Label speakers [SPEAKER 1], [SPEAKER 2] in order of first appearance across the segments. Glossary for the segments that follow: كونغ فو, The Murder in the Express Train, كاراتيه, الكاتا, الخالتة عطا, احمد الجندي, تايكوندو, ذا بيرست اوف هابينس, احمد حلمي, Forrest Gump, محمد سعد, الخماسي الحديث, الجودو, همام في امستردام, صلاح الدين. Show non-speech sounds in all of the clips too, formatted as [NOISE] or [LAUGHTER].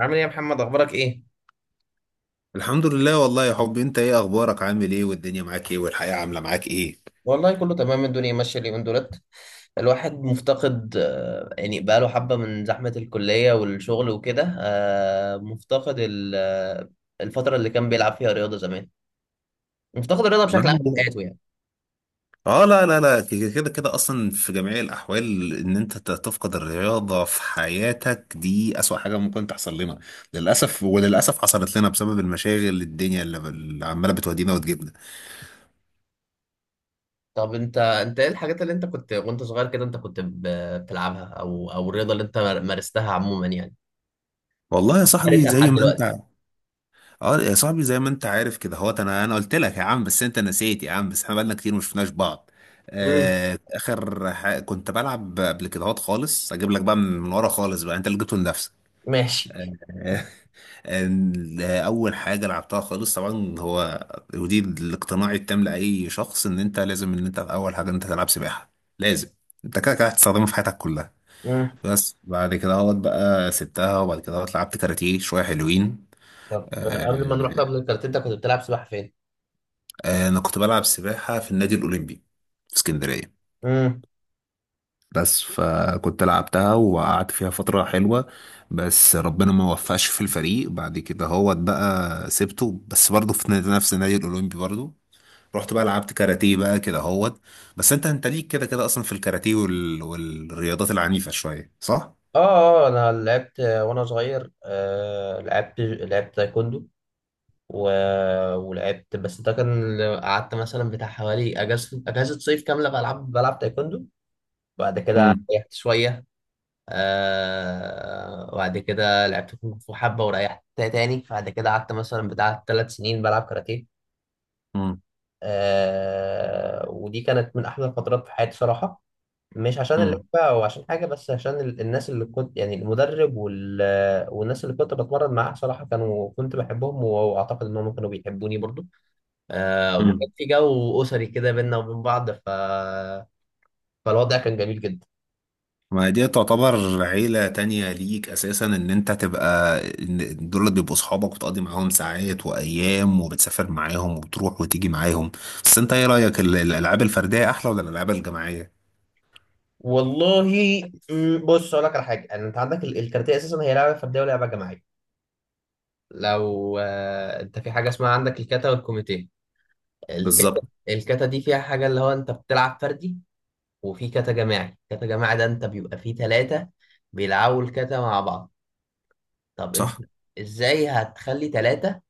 [SPEAKER 1] عامل ايه يا محمد اخبارك ايه؟
[SPEAKER 2] الحمد لله، والله يا حبي. انت ايه اخبارك؟ عامل ايه؟ والدنيا معاك ايه؟ والحياة عاملة معاك ايه؟
[SPEAKER 1] والله كله تمام، الدنيا ماشيه اليومين دولت. الواحد مفتقد، يعني بقاله حبه، من زحمه الكليه والشغل وكده، آه، مفتقد ال- آه، الفتره اللي كان بيلعب فيها رياضه زمان. مفتقد الرياضه
[SPEAKER 2] لا
[SPEAKER 1] بشكل عام في
[SPEAKER 2] لا.
[SPEAKER 1] حياته يعني.
[SPEAKER 2] اه، لا لا لا، كده كده كده اصلا في جميع الاحوال ان انت تفقد الرياضة في حياتك، دي اسوأ حاجة ممكن تحصل لنا للاسف. وللاسف حصلت لنا بسبب المشاغل، الدنيا اللي عمالة بتودينا وتجيبنا.
[SPEAKER 1] طب انت ايه الحاجات اللي انت كنت وانت صغير كده انت كنت بتلعبها، او الرياضه اللي انت مارستها عموما يعني،
[SPEAKER 2] والله يا صاحبي
[SPEAKER 1] مارسها
[SPEAKER 2] زي
[SPEAKER 1] لحد
[SPEAKER 2] ما
[SPEAKER 1] دلوقتي؟
[SPEAKER 2] انت، اه يا صاحبي زي ما انت عارف كده هو، انا قلت لك يا عم بس انت نسيت يا عم، بس احنا بقالنا كتير ما شفناش بعض.
[SPEAKER 1] امم.
[SPEAKER 2] آه، كنت بلعب قبل كده هوت خالص، اجيب لك بقى من ورا خالص بقى انت اللي جبته لنفسك.
[SPEAKER 1] ماشي.
[SPEAKER 2] آه، [LAUGHS] آه، اول حاجه لعبتها خالص طبعا هو، ودي الاقتناع التام لاي شخص، ان انت لازم ان انت اول حاجه ان انت تلعب سباحه. لازم. انت كده كده هتستخدمها في حياتك كلها.
[SPEAKER 1] امم.
[SPEAKER 2] بس بعد كده هوت بقى سبتها، وبعد كده هوت لعبت كاراتيه شويه حلوين.
[SPEAKER 1] طب قبل ما نروح
[SPEAKER 2] آه،
[SPEAKER 1] طب للكاراتيه، انت كنت بتلعب سباحه فين؟
[SPEAKER 2] آه، انا كنت بلعب سباحه في النادي الاولمبي في اسكندريه.
[SPEAKER 1] امم.
[SPEAKER 2] بس فكنت لعبتها وقعدت فيها فترة حلوة، بس ربنا ما وفقش في الفريق. بعد كده هو بقى سبته، بس برضه في نفس النادي الأولمبي برضه رحت بقى لعبت كاراتيه بقى كده هوت. بس انت ليك كده كده اصلا في الكاراتيه والرياضات العنيفة شوية، صح؟
[SPEAKER 1] اه. اه انا لعبت وانا صغير، لعبت تايكوندو، و... ولعبت، بس ده كان قعدت مثلا بتاع حوالي اجازه صيف كامله بلعب تايكوندو. بعد كده
[SPEAKER 2] امم
[SPEAKER 1] ريحت شويه. وبعد كده لعبت كونغ فو حبه، وريحت تاني. بعد كده قعدت مثلا بتاع 3 سنين بلعب كاراتيه. ودي كانت من احلى الفترات في حياتي صراحه. مش عشان اللعبة أو عشان حاجة، بس عشان الناس اللي كنت، يعني المدرب والناس اللي كنت بتمرن معاها صراحة، كانوا كنت بحبهم، وأعتقد إنهم كانوا بيحبوني برضو. وكان
[SPEAKER 2] امم
[SPEAKER 1] في جو أسري كده بينا وبين بعض، فالوضع كان جميل جدا.
[SPEAKER 2] ما دي تعتبر عيلة تانية ليك أساسا، إن أنت تبقى إن دول بيبقوا صحابك وتقضي معاهم ساعات وأيام وبتسافر معاهم وبتروح وتيجي معاهم. بس أنت إيه رأيك؟ الألعاب الفردية أحلى ولا الألعاب الجماعية؟
[SPEAKER 1] والله، بص أقول لك على حاجة. يعني أنت عندك الكاراتيه أساسا هي لعبة فردية ولعبة جماعية. لو أنت في حاجة اسمها، عندك الكاتا والكوميتيه. الكاتا.
[SPEAKER 2] بالظبط،
[SPEAKER 1] الكاتا دي فيها حاجة اللي هو أنت بتلعب فردي، وفي كاتا جماعي. كاتا جماعي ده انت بيبقى فيه تلاتة بيلعبوا الكاتا مع بعض. طب انت
[SPEAKER 2] صح.
[SPEAKER 1] ازاي هتخلي تلاتة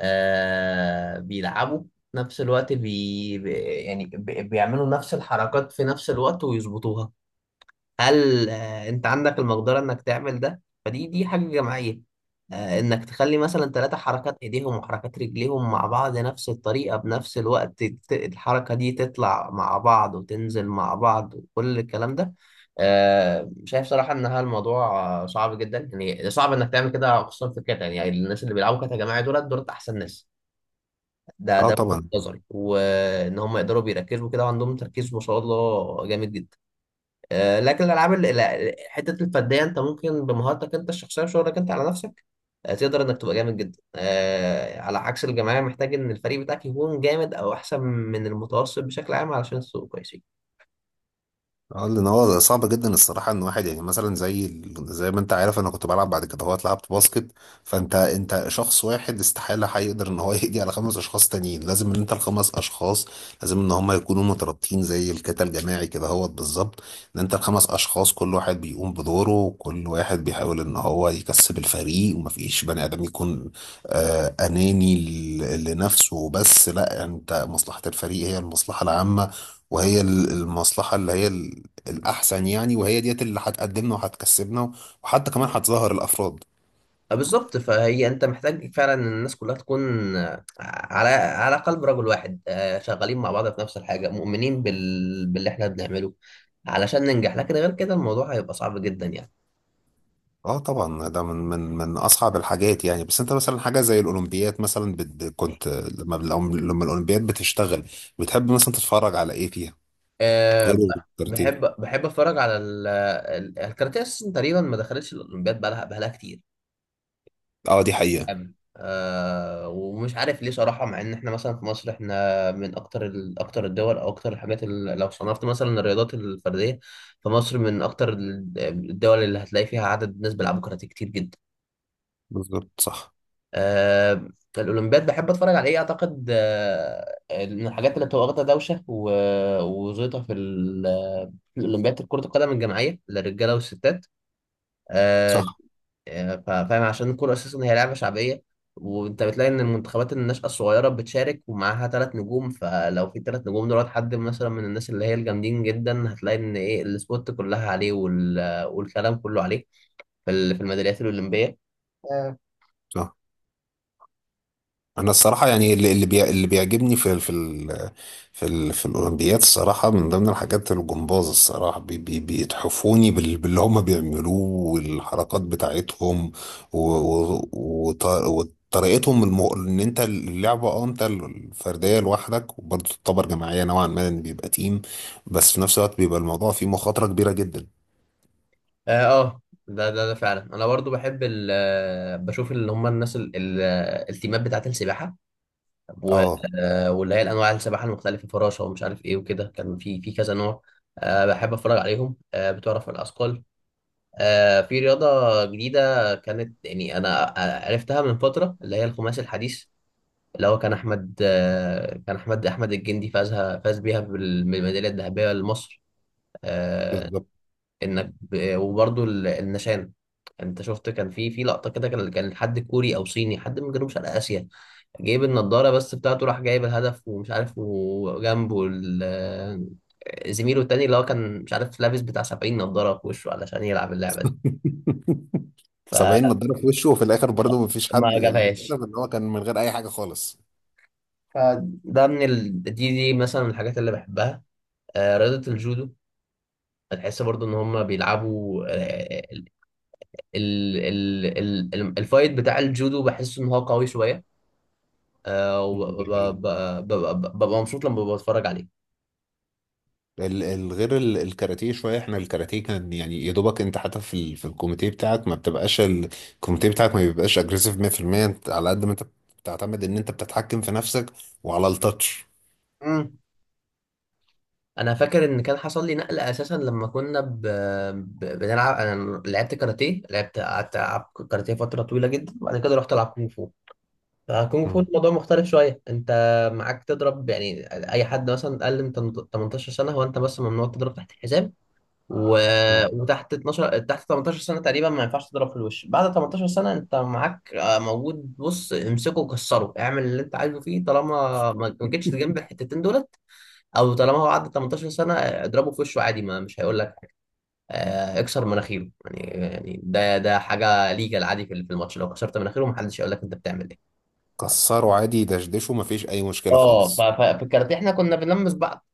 [SPEAKER 1] بيلعبوا في نفس الوقت؟ يعني بيعملوا نفس الحركات في نفس الوقت ويظبطوها. هل انت عندك المقدره انك تعمل ده؟ فدي حاجه جماعيه، انك تخلي مثلا 3 حركات ايديهم وحركات رجليهم مع بعض، نفس الطريقه بنفس الوقت، الحركه دي تطلع مع بعض وتنزل مع بعض وكل الكلام ده. شايف صراحه ان هذا الموضوع صعب جدا. يعني صعب انك تعمل كده، خصوصا في الكاتا. يعني الناس اللي بيلعبوا كاتا جماعي دولت احسن ناس. ده
[SPEAKER 2] اه،
[SPEAKER 1] ده من وجهة
[SPEAKER 2] طبعا.
[SPEAKER 1] نظري، وان هم يقدروا بيركزوا كده، وعندهم تركيز ما شاء الله جامد جدا. لكن الالعاب حته الفرديه، انت ممكن بمهارتك انت الشخصيه وشغلك انت على نفسك تقدر انك تبقى جامد جدا، على عكس الجماعيه محتاج ان الفريق بتاعك يكون جامد، او احسن من المتوسط بشكل عام، علشان تبقى كويسين.
[SPEAKER 2] اه، لان هو صعب جدا الصراحه ان واحد، يعني مثلا زي زي ما انت عارف انا كنت بلعب بعد كده هوت لعبت باسكت. فانت شخص واحد استحاله هيقدر ان هو [LAUGHS] يقضي على خمس اشخاص تانيين. لازم ان انت الخمس اشخاص، لازم ان هم يكونوا مترابطين زي الكتل الجماعي كده هوت بالظبط. ان انت الخمس اشخاص كل واحد بيقوم بدوره وكل واحد بيحاول ان هو يكسب الفريق، ومفيش بني ادم يكون آه اناني لنفسه بس. لا، انت مصلحه الفريق هي المصلحه العامه، وهي المصلحة اللي هي الأحسن يعني، وهي ديت اللي هتقدمنا وهتكسبنا، وحتى كمان هتظهر الأفراد.
[SPEAKER 1] بالظبط، فهي انت محتاج فعلا ان الناس كلها تكون على قلب رجل واحد، شغالين مع بعض في نفس الحاجه، مؤمنين باللي احنا بنعمله علشان ننجح. لكن غير كده الموضوع هيبقى صعب جدا يعني.
[SPEAKER 2] اه، طبعا ده من من اصعب الحاجات يعني. بس انت مثلا حاجه زي الاولمبياد مثلا، كنت لما لما الاولمبياد بتشتغل، بتحب مثلا تتفرج على ايه فيها
[SPEAKER 1] أه ب-
[SPEAKER 2] غير
[SPEAKER 1] بحب
[SPEAKER 2] الكاراتيه؟
[SPEAKER 1] بحب اتفرج على الكاراتيه اساسا. تقريبا ما دخلتش الاولمبياد بقالها كتير.
[SPEAKER 2] اه، دي حقيقه.
[SPEAKER 1] أوي. ومش عارف ليه صراحه، مع ان احنا مثلا في مصر احنا من اكتر اكتر الدول، او اكتر الحاجات اللي لو صنفت مثلا الرياضات الفرديه، فمصر من اكتر الدول اللي هتلاقي فيها عدد ناس بيلعبوا كاراتيه كتير جدا.
[SPEAKER 2] بالظبط، صح.
[SPEAKER 1] آه، الاولمبياد بحب اتفرج على ايه؟ اعتقد من الحاجات اللي بتبقى واخده دوشه وزيطه في في الاولمبياد كره القدم الجماعيه للرجاله والستات. آه،
[SPEAKER 2] صح،
[SPEAKER 1] فاهم، عشان الكره اساسا هي لعبه شعبيه، وانت بتلاقي ان المنتخبات الناشئه الصغيره بتشارك ومعاها 3 نجوم. فلو في 3 نجوم دولت حد مثلا من الناس اللي هي الجامدين جدا، هتلاقي ان ايه، السبوت كلها عليه والكلام كله عليه في في الميداليات الاولمبيه.
[SPEAKER 2] صح. انا الصراحه يعني اللي بيعجبني في ال- في ال في ال في الاولمبياد الصراحه، من ضمن الحاجات الجمباز، الصراحه بي بي بيتحفوني باللي هم بيعملوه والحركات بتاعتهم وطريقتهم ان انت اللعبه اه انت الفرديه لوحدك، وبرضه تعتبر جماعيه نوعا ما لأن بيبقى تيم، بس في نفس الوقت بيبقى الموضوع فيه مخاطره كبيره جدا.
[SPEAKER 1] اه. آه، ده فعلا انا برضو بحب ال آه، بشوف اللي هم الناس التيمات بتاعه السباحه، و-
[SPEAKER 2] اه،
[SPEAKER 1] واللي هي الانواع السباحه المختلفه، فراشه ومش عارف ايه وكده، كان في كذا نوع. بحب اتفرج عليهم بتوع رفع الاثقال. في رياضه جديده كانت، يعني انا عرفتها من فتره، اللي هي الخماسي الحديث، اللي هو كان احمد آه، كان احمد احمد الجندي، فاز بيها بالميداليه الذهبيه لمصر. آه،
[SPEAKER 2] بالظبط.
[SPEAKER 1] انك وبرضه النشان، انت شفت كان في لقطه كده، كان حد كوري او صيني، حد من جنوب شرق اسيا، جايب النضاره بس بتاعته، راح جايب الهدف ومش عارف، وجنبه زميله التاني اللي هو كان، مش عارف، لابس بتاع 70 نضاره في وشه علشان يلعب اللعبه دي، فما
[SPEAKER 2] 70 نضاره في وشه، وفي الاخر برضه مفيش حد،
[SPEAKER 1] [LAUGHS]
[SPEAKER 2] اللي كده
[SPEAKER 1] جابهاش.
[SPEAKER 2] ان هو كان من غير اي حاجه خالص.
[SPEAKER 1] فده من دي مثلا من الحاجات اللي بحبها. رياضه الجودو، بتحس برضو ان هم بيلعبوا الفايت بتاع الجودو، بحس ان هو قوي شويه. آه، وب- ب- ب- ب- ببقى مبسوط لما بتفرج عليه.
[SPEAKER 2] غير الكاراتيه شويه، احنا الكاراتيه كان يعني يا دوبك انت، حتى في في الكوميتيه بتاعك ما بيبقاش اجريسيف 100%. انت على قد ما انت بتعتمد ان انت بتتحكم في نفسك وعلى التاتش.
[SPEAKER 1] مم. انا فاكر ان كان حصل لي نقله اساسا لما كنا بنلعب. انا لعبت كاراتيه، قعدت العب كاراتيه فتره طويله جدا، وبعد كده رحت العب كونغ فو. فكونغ فو
[SPEAKER 2] مم.
[SPEAKER 1] الموضوع مختلف شويه، انت معاك تضرب يعني. اي حد مثلا اقل من 18 سنه، هو انت بس ممنوع تضرب تحت الحزام، و...
[SPEAKER 2] مم.
[SPEAKER 1] وتحت 12، تحت 18 سنة تقريبا ما ينفعش تضرب في الوش. بعد 18 سنة انت معاك موجود، بص امسكه وكسره، اعمل اللي انت عايزه فيه طالما ما جيتش جنب الحتتين دولت. او طالما هو عدى 18 سنة، اضربه في وشه عادي، ما مش هيقول لك. اكسر مناخيره يعني. يعني ده حاجة ليجال عادي، في الماتش لو كسرت مناخيره ما حدش هيقول لك انت بتعمل ايه.
[SPEAKER 2] كسره عادي، دشدشه، ما فيش اي مشكله
[SPEAKER 1] اه،
[SPEAKER 2] خالص.
[SPEAKER 1] في الكاراتيه احنا كنا بنلمس بعض،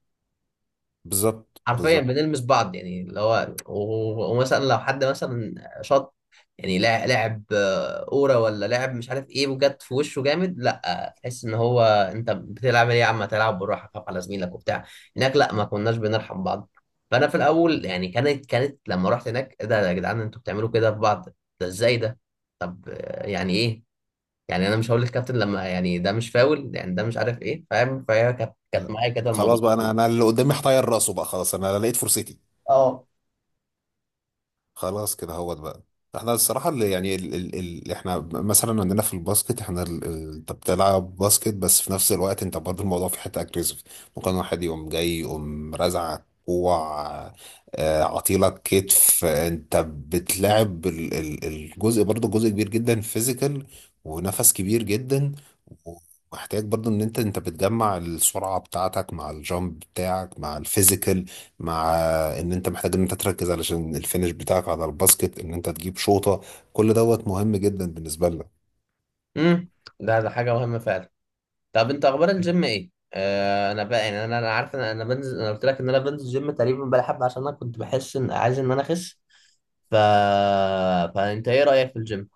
[SPEAKER 2] بالظبط،
[SPEAKER 1] حرفيا
[SPEAKER 2] بالظبط.
[SPEAKER 1] بنلمس بعض. يعني اللي هو، ومثلا لو حد مثلا شاط، يعني لاعب كوره ولا لاعب مش عارف ايه، وجت في وشه جامد، لا، تحس ان هو، انت بتلعب ايه يا عم، تلعب بالراحه، خاف على زميلك وبتاع. هناك لا، ما كناش بنرحم بعض. فانا في الاول
[SPEAKER 2] بالظبط.
[SPEAKER 1] يعني كانت لما رحت هناك، ايه ده يا جدعان، انتوا بتعملوا كده في بعض؟ ده ازاي ده؟ طب يعني ايه، يعني انا مش هقول للكابتن لما يعني ده مش فاول يعني، ده مش عارف ايه، فاهم؟ فهي كانت
[SPEAKER 2] لا.
[SPEAKER 1] معايا كده الموضوع.
[SPEAKER 2] خلاص بقى، انا اللي قدامي هطير راسه بقى، خلاص انا لقيت فرصتي.
[SPEAKER 1] اه.
[SPEAKER 2] خلاص كده هو بقى. احنا الصراحة اللي يعني ال ال ال احنا مثلا عندنا في الباسكت، احنا انت بتلعب باسكت بس في نفس الوقت انت برضه الموضوع في حتة اجريسيف. ممكن واحد يقوم جاي يقوم رازعك كوع، عطيلك كتف، انت بتلعب ال ال الجزء برضه جزء كبير جدا فيزيكال، ونفس كبير جدا. ومحتاج برضه ان انت بتجمع السرعة بتاعتك مع الجامب بتاعك مع الفيزيكال، مع ان انت محتاج ان انت تركز علشان الفينش بتاعك على الباسكت ان انت تجيب شوطة. كل دوت مهم جدا بالنسبة لك.
[SPEAKER 1] امم. ده حاجه مهمه فعلا. طب انت اخبار الجيم ايه؟ انا بقى يعني، انا عارف ان انا بنزل، انا قلت لك ان انا بنزل جيم تقريبا بقالي حبه، عشان انا كنت بحس ان عايز ان انا اخس. ف فانت ايه رايك في الجيم؟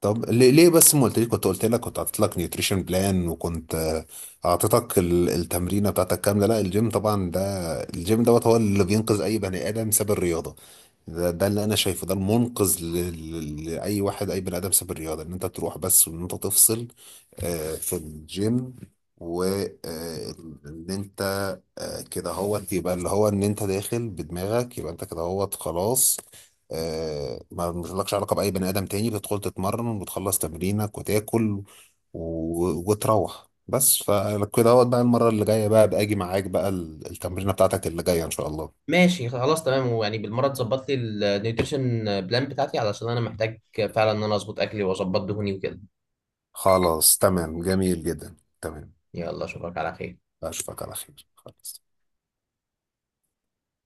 [SPEAKER 2] طب ليه بس ما قلتليش؟ كنت قلت لك كنت حاطط لك نيوتريشن بلان، وكنت اعطيتك التمرينه بتاعتك كامله. لا الجيم طبعا ده، الجيم دوت هو اللي بينقذ اي بني ادم ساب الرياضه. ده، ده اللي انا شايفه، ده المنقذ لاي واحد، اي بني ادم ساب الرياضه، ان انت تروح بس وان انت تفصل في الجيم. وان انت كده هو يبقى اللي هو ان انت داخل بدماغك يبقى انت كده هو خلاص. ما لكش علاقه باي بني ادم تاني، بتدخل تتمرن وبتخلص تمرينك وتاكل وتروح بس. فكده هو بقى، المره اللي جايه بقى باجي معاك بقى التمرينه بتاعتك اللي جايه ان شاء الله.
[SPEAKER 1] ماشي، خلاص تمام. ويعني بالمره تظبط لي النيوتريشن بلان بتاعتي، علشان انا محتاج فعلا ان انا اظبط اكلي واظبط دهوني وكده.
[SPEAKER 2] خلاص تمام، جميل جدا، تمام.
[SPEAKER 1] يلا اشوفك على خير.
[SPEAKER 2] اشوفك على خير، خلاص.